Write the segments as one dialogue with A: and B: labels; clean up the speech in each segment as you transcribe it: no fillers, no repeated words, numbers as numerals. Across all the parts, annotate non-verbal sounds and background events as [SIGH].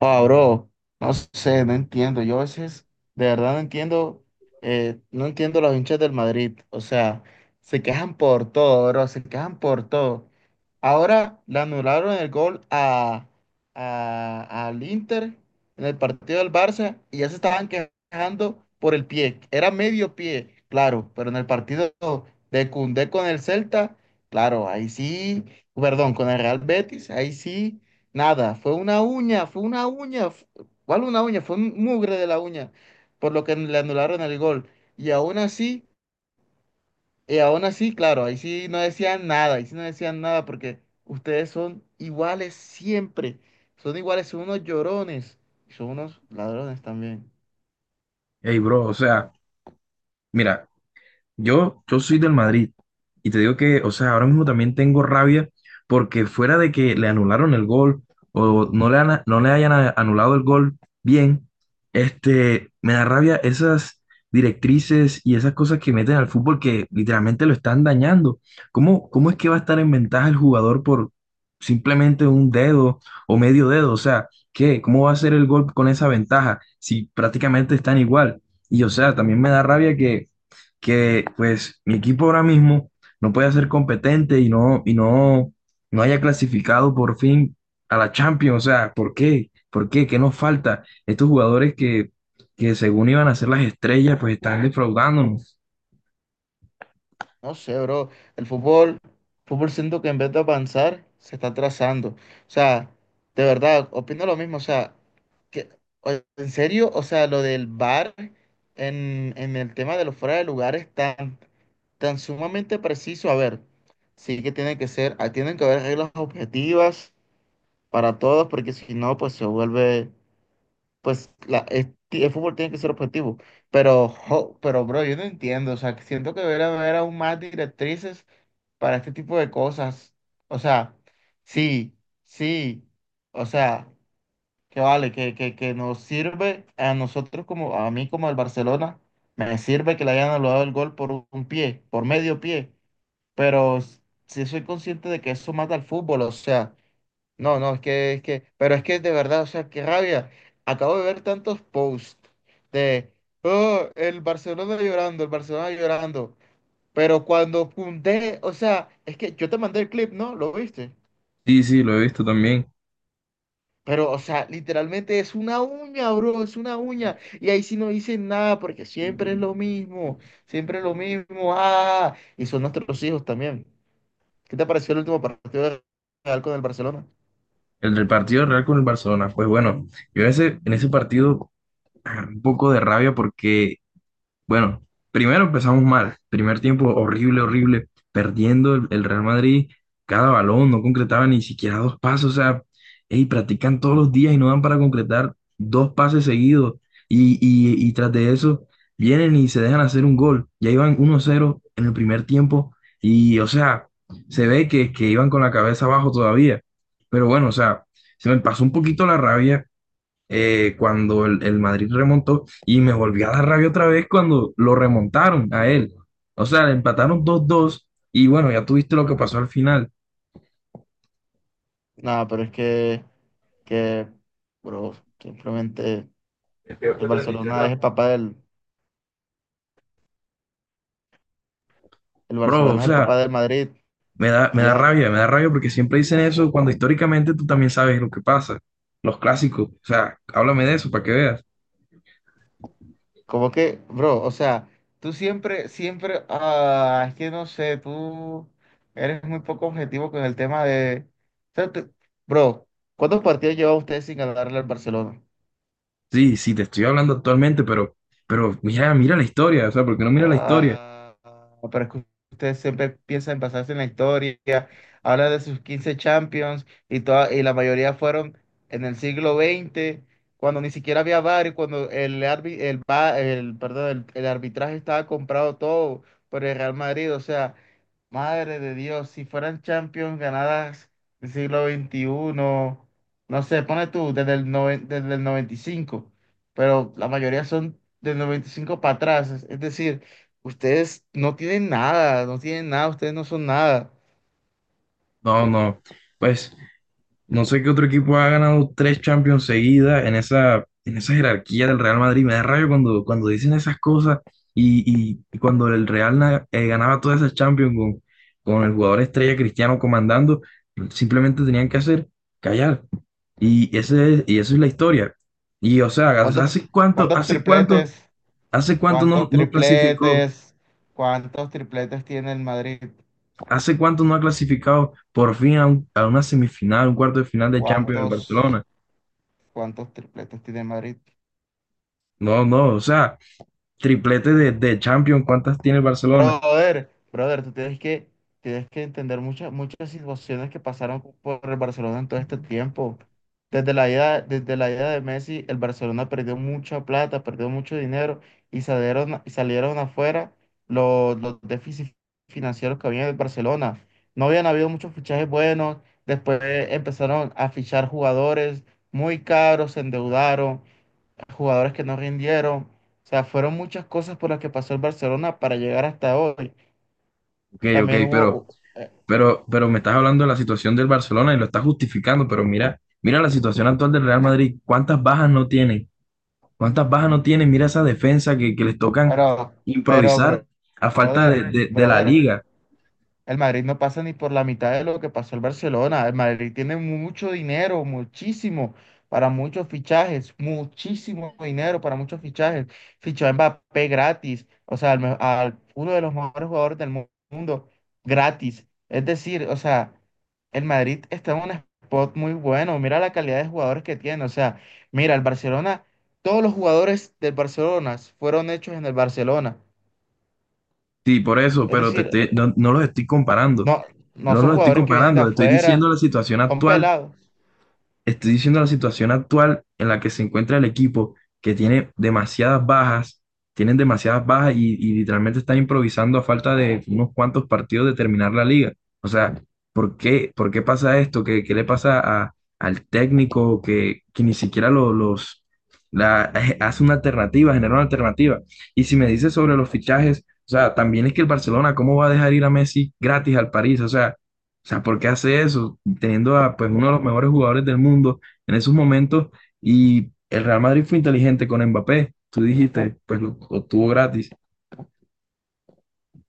A: Ah, bro, no sé, no entiendo. Yo a veces, de verdad, no entiendo, no entiendo los hinchas del Madrid. O sea, se quejan por todo, bro, se quejan por todo. Ahora le anularon el gol a, al Inter en el partido del Barça y ya se estaban quejando por el pie. Era medio pie, claro, pero en el partido de Koundé con el Celta, claro, ahí sí, perdón, con el Real Betis, ahí sí. Nada, fue una uña, ¿cuál una uña? Fue un mugre de la uña, por lo que le anularon el gol. Y aún así, y aún así, claro, ahí sí no decían nada, ahí sí no decían nada porque ustedes son iguales siempre, son iguales, son unos llorones y son unos ladrones también.
B: Hey, bro, o sea, mira, yo soy del Madrid y te digo que, o sea, ahora mismo también tengo rabia porque fuera de que le anularon el gol o no le hayan anulado el gol bien, me da rabia esas directrices y esas cosas que meten al fútbol que literalmente lo están dañando. ¿Cómo es que va a estar en ventaja el jugador por simplemente un dedo o medio dedo? O sea, ¿qué? ¿Cómo va a ser el gol con esa ventaja si prácticamente están igual? Y o sea, también me da rabia que pues mi equipo ahora mismo no puede ser competente no haya clasificado por fin a la Champions. O sea, ¿por qué? ¿Por qué? ¿Qué nos falta? Estos que según iban a ser las estrellas, pues están defraudándonos.
A: No sé, bro, el fútbol siento que en vez de avanzar, se está atrasando. O sea, de verdad, opino lo mismo, o sea, que- o- ¿en serio? O sea, lo del bar en el tema de los fuera de lugar es tan, tan sumamente preciso. A ver, sí que tiene que ser, tienen que haber reglas objetivas para todos, porque si no, pues se vuelve, el fútbol tiene que ser objetivo. Pero, jo, pero, bro, yo no entiendo. O sea, que siento que debería haber aún más directrices para este tipo de cosas. O sea, sí, sí. O sea que vale, que nos sirve a nosotros como, a mí como al Barcelona, me sirve que le hayan anulado el gol por un pie, por medio pie, pero sí soy consciente de que eso mata al fútbol, o sea, no, no, pero es que de verdad, o sea, qué rabia, acabo de ver tantos posts de, oh, el Barcelona llorando, pero cuando Koundé, o sea, es que yo te mandé el clip, ¿no? ¿Lo viste?
B: Sí, sí, lo he visto también.
A: Pero, o sea, literalmente es una uña, bro, es una uña. Y ahí sí no dicen nada porque siempre es lo mismo, siempre es lo mismo. Ah, y son nuestros hijos también. ¿Qué te pareció el último partido de Real con el Barcelona?
B: El del partido del Real con el Barcelona. Pues bueno, yo en ese partido agarré un poco de rabia porque bueno, primero empezamos mal. Primer tiempo horrible, horrible. Perdiendo el Real Madrid cada balón, no concretaba ni siquiera dos pasos. O sea, ey, practican todos los días y no dan para concretar dos pases seguidos. Y tras de eso, vienen y se dejan hacer un gol. Ya iban uno cero en el primer tiempo. Y, o sea, se ve que iban con la cabeza abajo todavía. Pero bueno, o sea, se me pasó un poquito la rabia cuando el Madrid remontó y me volvió a dar rabia otra vez cuando lo remontaron a él. O sea, le empataron dos dos y bueno, ya tuviste lo que pasó al final.
A: Nada, pero es que, bro, simplemente el Barcelona es el papá del, el
B: Bro, o
A: Barcelona es el papá
B: sea,
A: del Madrid y ya.
B: me da rabia porque siempre dicen eso cuando históricamente tú también sabes lo que pasa, los clásicos. O sea, háblame de eso para que veas.
A: Como que, bro, o sea, tú siempre, siempre, es que no sé, tú eres muy poco objetivo con el tema de. O sea, bro, ¿cuántos partidos lleva usted sin ganarle al Barcelona?
B: Sí, sí, te estoy hablando actualmente, pero mira, mira la historia, o sea, ¿porque no mira la historia?
A: Ah, pero es que ustedes siempre piensan en basarse en la historia, habla de sus 15 Champions y la mayoría fueron en el siglo XX cuando ni siquiera había VAR y cuando el, arbi- el, va- el, perdón, el arbitraje estaba comprado todo por el Real Madrid. O sea, madre de Dios, si fueran Champions ganadas del siglo XXI, no sé, pone tú, desde el 95, pero la mayoría son del 95 para atrás, es decir. Ustedes no tienen nada, no tienen nada, ustedes no son nada.
B: No, no, pues no sé qué otro equipo ha ganado tres Champions seguidas en esa jerarquía del Real Madrid. Me da rayo cuando dicen esas cosas y, y cuando el Real ganaba todas esas Champions con el jugador estrella Cristiano comandando, simplemente tenían que hacer callar. Y eso es la historia. Y o sea,
A: ¿Cuántos, cuántos tripletes?
B: ¿hace cuánto no,
A: ¿Cuántos
B: no clasificó?
A: tripletes? ¿Cuántos tripletes tiene el Madrid?
B: ¿Hace cuánto no ha clasificado por fin a una semifinal, un cuarto de final de Champions el
A: ¿Cuántos,
B: Barcelona?
A: cuántos tripletes tiene el Madrid?
B: No, no, o sea, triplete de Champions, ¿cuántas tiene el Barcelona?
A: Brother, brother, tú tienes que entender muchas, muchas situaciones que pasaron por el Barcelona en todo este tiempo. Desde la ida de Messi, el Barcelona perdió mucha plata, perdió mucho dinero y salieron afuera los déficits financieros que había en el Barcelona. No habían habido muchos fichajes buenos, después empezaron a fichar jugadores muy caros, se endeudaron, jugadores que no rindieron. O sea, fueron muchas cosas por las que pasó el Barcelona para llegar hasta hoy.
B: Ok, ok,
A: También hubo,
B: pero me estás hablando de la situación del Barcelona y lo estás justificando, pero mira, mira la situación actual del Real Madrid, ¿cuántas bajas no tienen? ¿Cuántas bajas no tienen? Mira esa que les tocan
A: pero, pero,
B: improvisar
A: bro-
B: a falta
A: Brother,
B: de la
A: brother,
B: liga.
A: el Madrid no pasa ni por la mitad de lo que pasó el Barcelona. El Madrid tiene mucho dinero, muchísimo, para muchos fichajes, muchísimo dinero para muchos fichajes. Fichó a Mbappé gratis, o sea, uno de los mejores jugadores del mundo gratis. Es decir, o sea, el Madrid está en un spot muy bueno. Mira la calidad de jugadores que tiene. O sea, mira, el Barcelona, todos los jugadores del Barcelona fueron hechos en el Barcelona.
B: Sí, por eso,
A: Es
B: pero te
A: decir,
B: estoy- no, no los estoy comparando,
A: no, no
B: no
A: son
B: los estoy
A: jugadores que vienen de
B: comparando, estoy
A: afuera
B: diciendo la situación
A: Son
B: actual.
A: Pelados.
B: Estoy diciendo la situación actual en la que se encuentra el equipo, que tiene demasiadas bajas, tienen demasiadas bajas y literalmente están improvisando a falta de unos cuantos partidos de terminar la liga. O sea, ¿por qué pasa esto? ¿Qué le pasa al técnico que ni siquiera hace una alternativa, genera una alternativa? Y si me dices sobre los fichajes, o sea, también es que el Barcelona, ¿cómo va a dejar ir a Messi gratis al París? O sea, ¿por qué hace eso? Teniendo a pues, uno de los mejores jugadores del mundo en esos momentos y el Real Madrid fue inteligente con Mbappé. Tú dijiste, pues lo obtuvo gratis.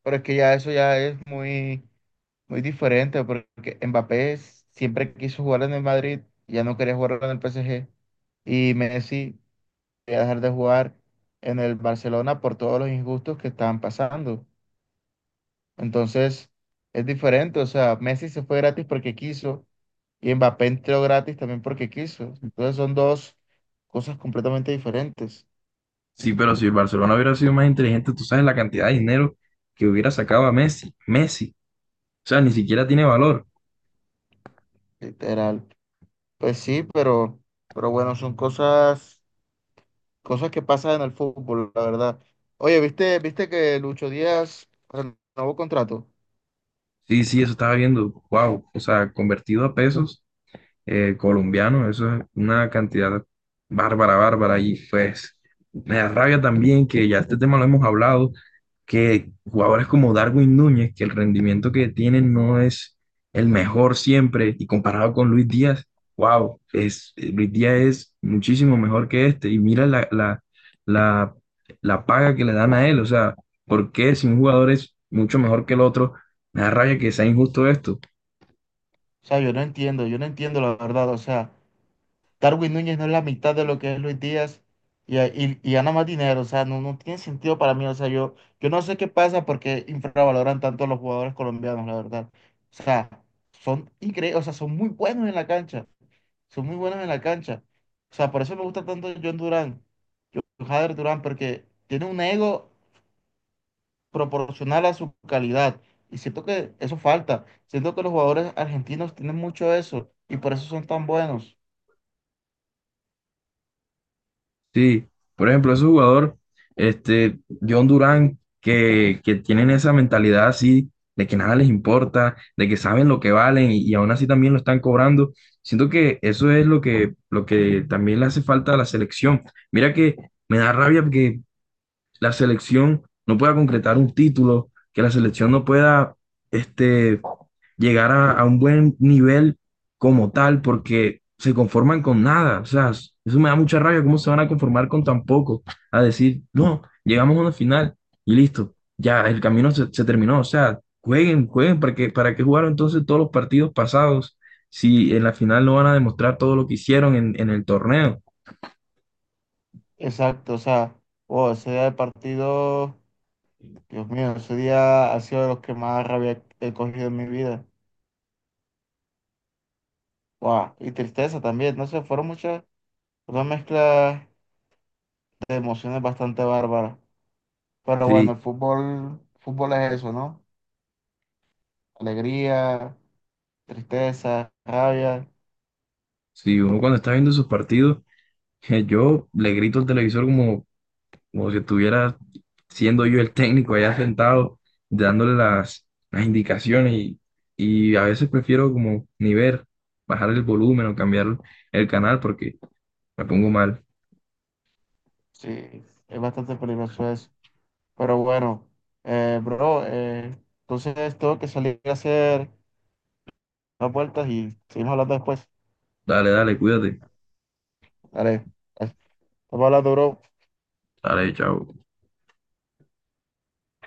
A: Pero es que ya eso ya es muy, muy diferente, porque Mbappé siempre quiso jugar en el Madrid, ya no quería jugar en el PSG. Y Messi quería dejar de jugar en el Barcelona por todos los injustos que estaban pasando. Entonces, es diferente. O sea, Messi se fue gratis porque quiso y Mbappé entró gratis también porque quiso. Entonces, son dos cosas completamente diferentes,
B: Sí, pero si el Barcelona hubiera sido más inteligente, tú sabes la cantidad de dinero que hubiera sacado a Messi. Messi, o sea, ni siquiera tiene valor.
A: literal. Pues sí, pero, bueno, son cosas Cosas que pasan en el fútbol, la verdad. Oye, ¿viste que Lucho Díaz renovó contrato?
B: Sí, sí, eso estaba viendo, wow, o sea, convertido a pesos, colombianos, eso es una cantidad bárbara, bárbara. Y pues me da rabia también que ya este tema lo hemos hablado, que jugadores como Darwin Núñez, que el rendimiento que tienen no es el mejor siempre, y comparado con Luis Díaz, wow, es, Luis Díaz es muchísimo mejor que este. Y mira la, la paga que le dan a él, o sea, ¿por qué si un jugador es mucho mejor que el otro? Me da rabia que sea injusto esto.
A: O sea, yo no entiendo la verdad. O sea, Darwin Núñez no es la mitad de lo que es Luis Díaz y gana más dinero. O sea, no tiene sentido para mí. O sea, yo no sé qué pasa porque infravaloran tanto a los jugadores colombianos, la verdad. O sea, son increíbles, o sea, son muy buenos en la cancha. Son muy buenos en la cancha. O sea, por eso me gusta tanto John Durán, Jader Durán, porque tiene un ego proporcional a su calidad. Y siento que eso falta. Siento que los jugadores argentinos tienen mucho eso y por eso son tan buenos.
B: Sí, por ejemplo, ese jugador, este, John Durán, que tienen esa mentalidad así, de que nada les importa, de que saben lo que valen y aún así también lo están cobrando. Siento que eso es lo lo que también le hace falta a la selección. Mira que me da rabia porque la selección no pueda concretar un título, que la selección no pueda este, llegar a un buen nivel como tal, porque se conforman con nada. O sea, eso me da mucha rabia, cómo se van a conformar con tan poco, a decir, no, llegamos a una final y listo, ya el camino se, se terminó. O sea, jueguen, jueguen, ¿para qué jugaron entonces todos los partidos pasados si en la final no van a demostrar todo lo que hicieron en el torneo?
A: Exacto, o sea, wow, ese día de partido, Dios mío, ese día ha sido de los que más rabia he cogido en mi vida. Wow, y tristeza también, no sé, fueron muchas, una mezcla de emociones bastante bárbaras. Pero bueno,
B: Sí,
A: el fútbol es eso, ¿no? Alegría, tristeza, rabia.
B: sí, uno cuando está viendo sus partidos [LAUGHS] yo le grito al televisor como, como si estuviera siendo yo el técnico allá sentado, dándole las indicaciones y a veces prefiero como ni ver, bajar el volumen o cambiar el canal porque me pongo mal.
A: Sí, es bastante peligroso eso. Pero bueno, bro, entonces tengo que salir a hacer unas vueltas y seguimos hablando después.
B: Dale, dale, cuídate.
A: Dale, estamos hablando, bro.
B: Dale, chao.